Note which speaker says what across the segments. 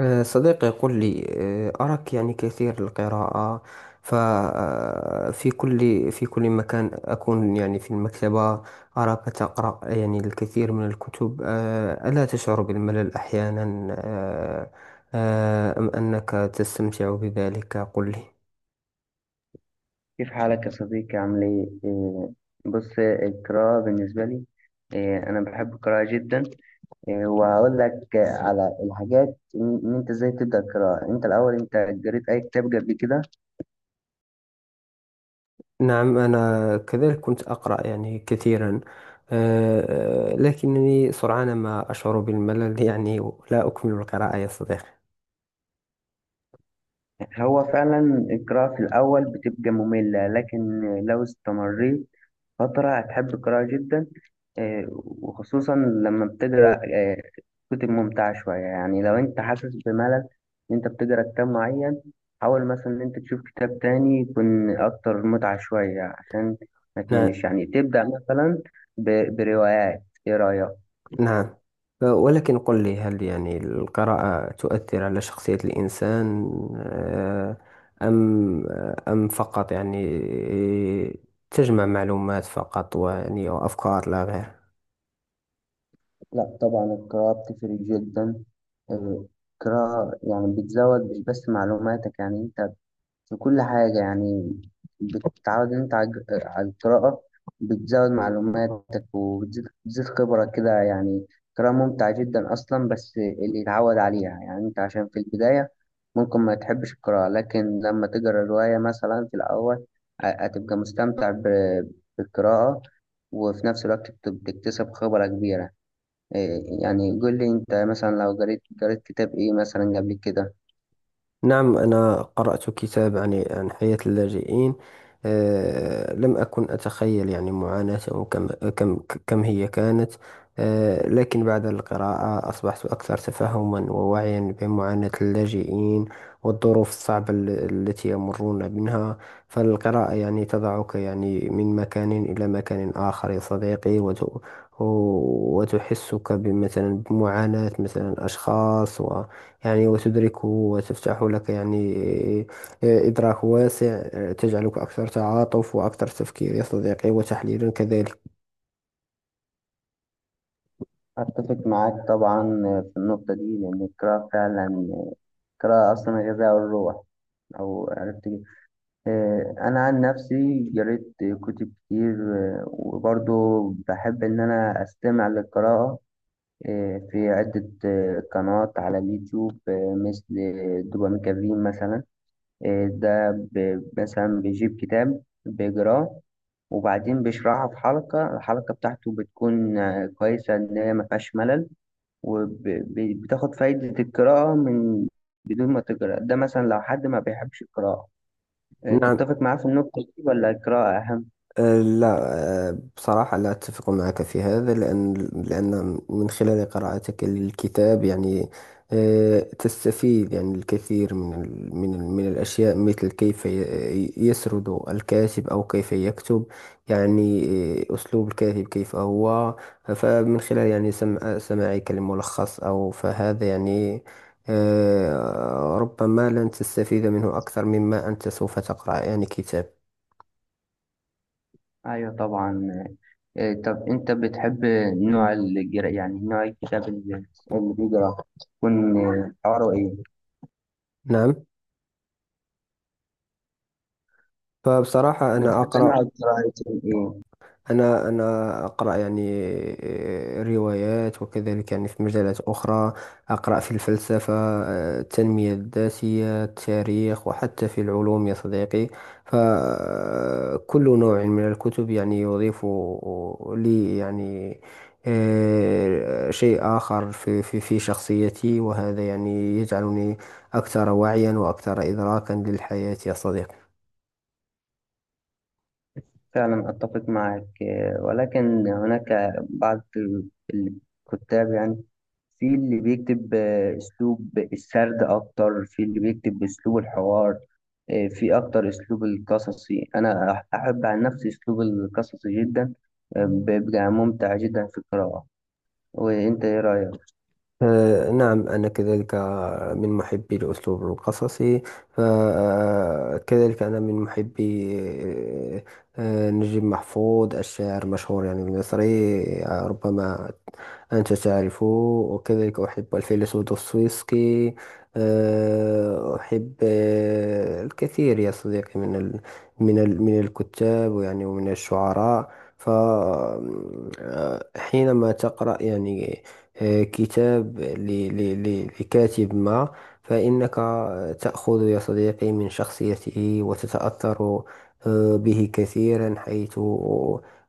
Speaker 1: صديقي يقول لي. أراك يعني كثير القراءة. ففي كل مكان أكون يعني في المكتبة. أراك تقرأ يعني الكثير من الكتب. ألا تشعر بالملل أحيانا؟ آه، أم أنك تستمتع بذلك؟ قل لي.
Speaker 2: كيف حالك يا صديقي، عامل ايه؟ بص، القراءة بالنسبة لي، أنا بحب القراءة جدا. وهقول لك على الحاجات، إن أنت إزاي تبدأ القراءة. أنت الأول، أنت قريت أي كتاب قبل كده؟
Speaker 1: نعم، أنا كذلك كنت أقرأ يعني كثيرا. لكنني سرعان ما أشعر بالملل، يعني لا أكمل القراءة يا صديقي.
Speaker 2: هو فعلا القراءة في الأول بتبقى مملة، لكن لو استمريت فترة هتحب القراءة جدا. وخصوصا لما بتقرأ كتب ممتعة شوية. يعني لو أنت حاسس بملل إن أنت بتقرأ كتاب معين، حاول مثلا إن أنت تشوف كتاب تاني يكون أكتر متعة شوية عشان ما
Speaker 1: نعم.
Speaker 2: تملش. يعني تبدأ مثلا بروايات، إيه رأيك؟
Speaker 1: نعم. ولكن قل لي، هل يعني القراءة تؤثر على شخصية الإنسان؟ آه، أم أم فقط يعني تجمع معلومات فقط، ويعني وأفكار لا غير.
Speaker 2: لا طبعا، القراءة بتفرق جدا. آه، القراءة يعني بتزود مش بس معلوماتك، يعني أنت في كل حاجة. يعني بتتعود إن أنت على القراءة. بتزود معلوماتك، وبتزيد خبرك كده يعني. قراءة ممتعة جدا أصلا بس اللي يتعود عليها، يعني أنت عشان في البداية ممكن ما تحبش القراءة، لكن لما تقرأ رواية مثلا في الأول هتبقى مستمتع بالقراءة، وفي نفس الوقت بتكتسب خبرة كبيرة. يعني قول لي أنت مثلا لو قريت كتاب إيه مثلا قبل كده.
Speaker 1: نعم، أنا قرأت كتاب عن حياة اللاجئين. لم أكن أتخيل يعني معاناتهم. كم كم هي كانت. لكن بعد القراءة أصبحت أكثر تفهما ووعيا بمعاناة اللاجئين، والظروف الصعبة التي يمرون منها. فالقراءة يعني تضعك يعني من مكان إلى مكان آخر يا صديقي، وتحسك بمثلا بمعاناة مثلا أشخاص، يعني وتدركه، وتفتح لك يعني إدراك واسع. تجعلك أكثر تعاطف وأكثر تفكير يا صديقي، وتحليلا كذلك.
Speaker 2: أتفق معاك طبعا في النقطة دي، لأن القراءة فعلا، القراءة أصلا غذاء الروح، أو عرفت إيه. أنا عن نفسي قريت كتب كتير. وبرضو بحب إن أنا أستمع للقراءة، في عدة قنوات على اليوتيوب، مثل دوبامين كافين مثلا. ده مثلا بيجيب كتاب بيقراه، وبعدين بيشرحه في حلقة. الحلقة بتاعته بتكون كويسة إن هي مفيهاش ملل، وبتاخد فايدة القراءة من بدون ما تقرأ. ده مثلا لو حد ما بيحبش القراءة،
Speaker 1: نعم.
Speaker 2: تتفق معاه في النقطة دي ولا القراءة أهم؟
Speaker 1: لا. بصراحة لا أتفق معك في هذا، لأن من خلال قراءتك للكتاب، يعني تستفيد يعني الكثير من الأشياء، مثل كيف يسرد الكاتب أو كيف يكتب، يعني أسلوب الكاتب كيف هو. فمن خلال يعني سماعك لملخص أو فهذا يعني ربما لن تستفيد منه أكثر مما أنت سوف تقرأ يعني كتاب.
Speaker 2: أيوة طبعا. طب أنت بتحب نوع القراءة، يعني نوع الكتاب اللي بيقرأ يكون حواره إيه؟
Speaker 1: نعم. فبصراحة
Speaker 2: بتحب نوع القراءة يكون إيه؟
Speaker 1: أنا أقرأ يعني روايات، وكذلك يعني في مجالات أخرى أقرأ في الفلسفة، التنمية الذاتية، التاريخ، وحتى في العلوم يا صديقي. فكل نوع من الكتب يعني يضيف لي يعني شيء آخر في شخصيتي، وهذا يعني يجعلني أكثر وعيا وأكثر إدراكا للحياة يا صديقي.
Speaker 2: فعلا أتفق معك. ولكن هناك بعض الكتاب، يعني في اللي بيكتب أسلوب السرد أكتر، في اللي بيكتب أسلوب الحوار، في أكتر أسلوب القصصي. أنا أحب عن نفسي أسلوب القصصي جدا. بيبقى ممتع جدا في القراءة. وأنت إيه رأيك؟
Speaker 1: نعم، أنا كذلك من محبي الأسلوب القصصي. فكذلك أنا من محبي آه، نجيب محفوظ، الشاعر المشهور يعني المصري. ربما أنت تعرفه. وكذلك أحب الفيلسوف دوستويفسكي. أحب الكثير يا صديقي من الكتاب، ويعني ومن الشعراء. فحينما تقرأ يعني كتاب لكاتب ما، فإنك تأخذ يا صديقي من شخصيته وتتأثر به كثيرا، حيث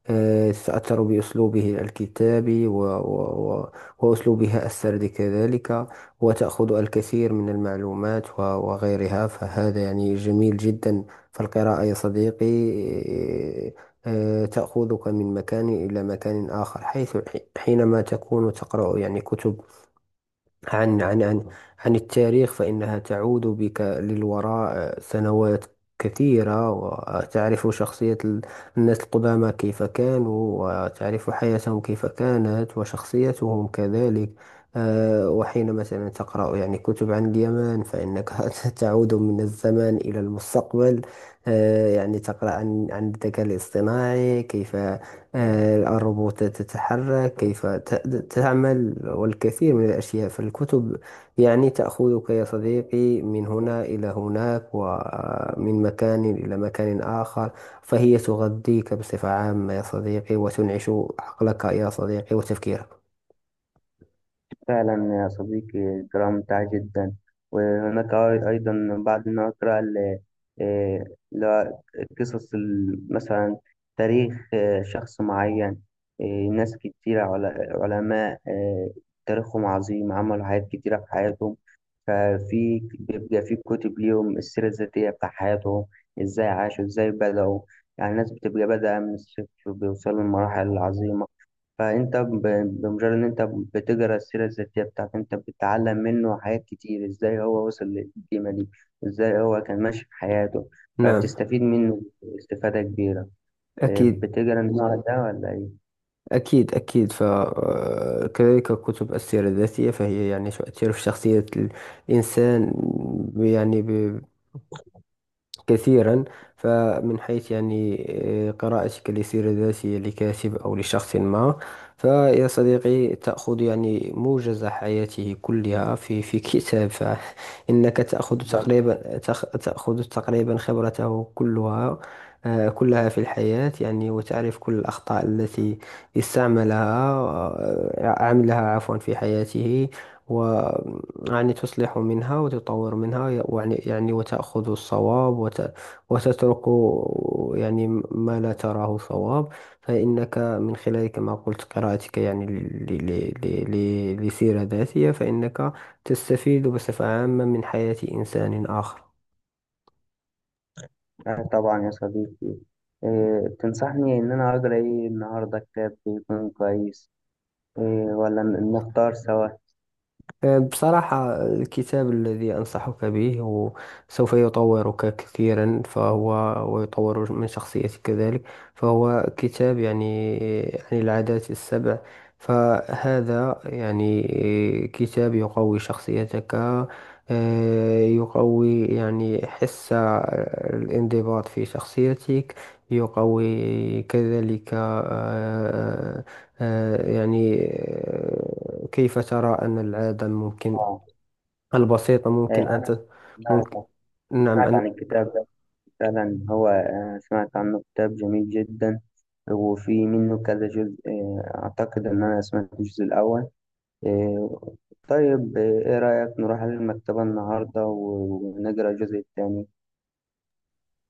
Speaker 1: تتأثر بأسلوبه الكتابي وأسلوبها السردي كذلك. وتأخذ الكثير من المعلومات وغيرها، فهذا يعني جميل جدا. فالقراءة يا صديقي آه، تأخذك من مكان إلى مكان آخر، حيث حينما تكون تقرأ يعني كتب عن عن عن عن التاريخ، فإنها تعود بك للوراء سنوات كثيرة، وتعرف شخصية الناس القدامى كيف كانوا، وتعرف حياتهم كيف كانت، وشخصيتهم كذلك. وحين مثلا تقرأ يعني كتب عن اليمن، فإنك تعود من الزمان إلى المستقبل. يعني تقرأ عن الذكاء الاصطناعي، كيف الروبوتات تتحرك، كيف تعمل، والكثير من الأشياء. فالكتب يعني تأخذك يا صديقي من هنا إلى هناك، ومن مكان إلى مكان آخر. فهي تغذيك بصفة عامة يا صديقي، وتنعش عقلك يا صديقي وتفكيرك.
Speaker 2: فعلا يا صديقي، القراءة ممتعة جدا. وهناك أيضا بعد ما أقرأ آه، لا- مثلا تاريخ شخص معين. آه، ناس كتيرة، علماء، تاريخهم عظيم، عملوا حاجات كتيرة في حياتهم. ففي بيبقى في كتب ليهم، السيرة الذاتية بتاع حياتهم، إزاي عاشوا، إزاي بدأوا. يعني الناس بتبقى بادئة من الصفر، بيوصلوا لمراحل عظيمة. فانت بمجرد ان انت بتقرا السيره الذاتيه بتاعته، انت بتتعلم منه حاجات كتير، ازاي هو وصل للقيمه دي، ازاي هو كان ماشي في حياته.
Speaker 1: نعم.
Speaker 2: فبتستفيد منه استفاده كبيره.
Speaker 1: أكيد،
Speaker 2: بتقرا النوع ده ولا ايه؟
Speaker 1: أكيد، أكيد. فكذلك كتب السيرة الذاتية فهي يعني تؤثر في شخصية الإنسان، يعني كثيرا. فمن حيث يعني قراءتك لسيرة ذاتية لكاتب أو لشخص ما، فيا صديقي تأخذ يعني موجز حياته كلها في كتاب، فإنك تأخذ
Speaker 2: بالظبط.
Speaker 1: تقريبا، تأخذ تقريبا خبرته كلها، كلها في الحياة يعني. وتعرف كل الأخطاء التي استعملها، عملها عفوا، في حياته، يعني تصلح منها وتطور منها، يعني وتأخذ الصواب وتترك يعني ما لا تراه صواب. فإنك من خلال، كما قلت، قراءتك يعني لسيرة ذاتية، فإنك تستفيد بصفة عامة من حياة إنسان آخر.
Speaker 2: آه، طبعا يا صديقي. تنصحني ان انا اقرا ايه النهارده، كتاب يكون كويس؟ إيه ولا نختار سوا؟
Speaker 1: بصراحة الكتاب الذي أنصحك به هو سوف يطورك كثيرا، فهو ويطور من شخصيتك كذلك. فهو كتاب يعني عن العادات السبع. فهذا يعني كتاب يقوي شخصيتك، يقوي يعني حس الانضباط في شخصيتك، يقوي كذلك يعني كيف ترى أن العادة ممكن،
Speaker 2: اه،
Speaker 1: البسيطة ممكن أن
Speaker 2: انا سمعت
Speaker 1: ممكن.
Speaker 2: سمعت
Speaker 1: نعم.
Speaker 2: عن الكتاب. فعلا هو، سمعت عنه، كتاب جميل جدا وفي منه كذا جزء. أعتقد إن أنا سمعت الجزء الأول. آه، طيب. إيه رأيك نروح على المكتبة النهاردة ونقرأ الجزء الثاني؟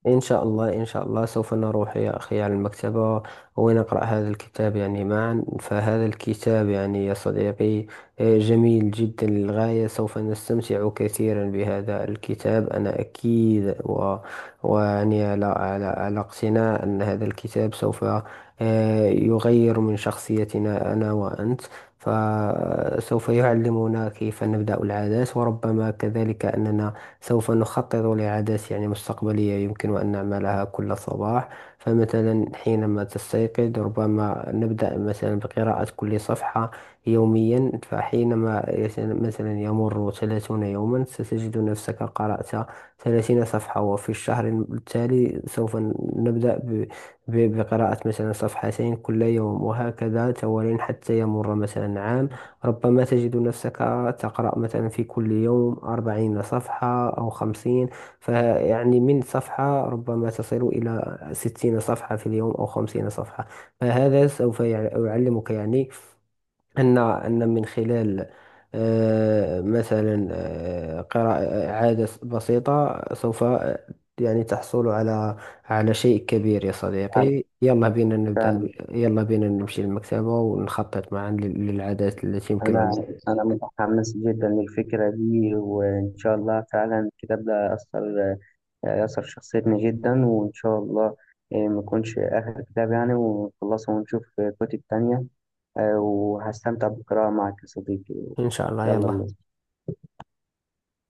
Speaker 1: إن شاء الله، إن شاء الله سوف نروح يا أخي على المكتبة ونقرأ هذا الكتاب يعني معا. فهذا الكتاب يعني يا صديقي جميل جدا للغاية. سوف نستمتع كثيرا بهذا الكتاب أنا أكيد، ويعني على اقتناع أن هذا الكتاب سوف يغير من شخصيتنا أنا وأنت. فسوف يعلمنا كيف نبدأ العادات، وربما كذلك أننا سوف نخطط لعادات يعني مستقبلية يمكن أن نعملها كل صباح. فمثلا حينما تستيقظ ربما نبدأ مثلا بقراءة كل صفحة يوميا. فحينما مثلا يمر 30 يوما، ستجد نفسك قرأت 30 صفحة. وفي الشهر التالي سوف نبدأ بقراءة مثلا صفحتين كل يوم، وهكذا توالي حتى يمر مثلا عام. ربما تجد نفسك تقرأ مثلا في كل يوم 40 صفحة أو 50. فيعني من صفحة ربما تصل إلى 60 صفحة في اليوم أو 50 صفحة. فهذا سوف يعلمك يعني أن من خلال مثلا قراءة عادة بسيطة سوف يعني تحصل على شيء كبير يا صديقي.
Speaker 2: فعلا،
Speaker 1: يلا بينا نمشي للمكتبة، ونخطط معا للعادات التي يمكن
Speaker 2: أنا
Speaker 1: أن.
Speaker 2: أنا متحمس جدا للفكرة دي، وإن شاء الله فعلا الكتاب ده أثر شخصيتنا جدا. وإن شاء الله ما يكونش آخر كتاب، يعني ونخلصه ونشوف كتب تانية. وهستمتع بالقراءة معك يا صديقي.
Speaker 1: إن شاء الله،
Speaker 2: يلا
Speaker 1: يلا.
Speaker 2: بينا.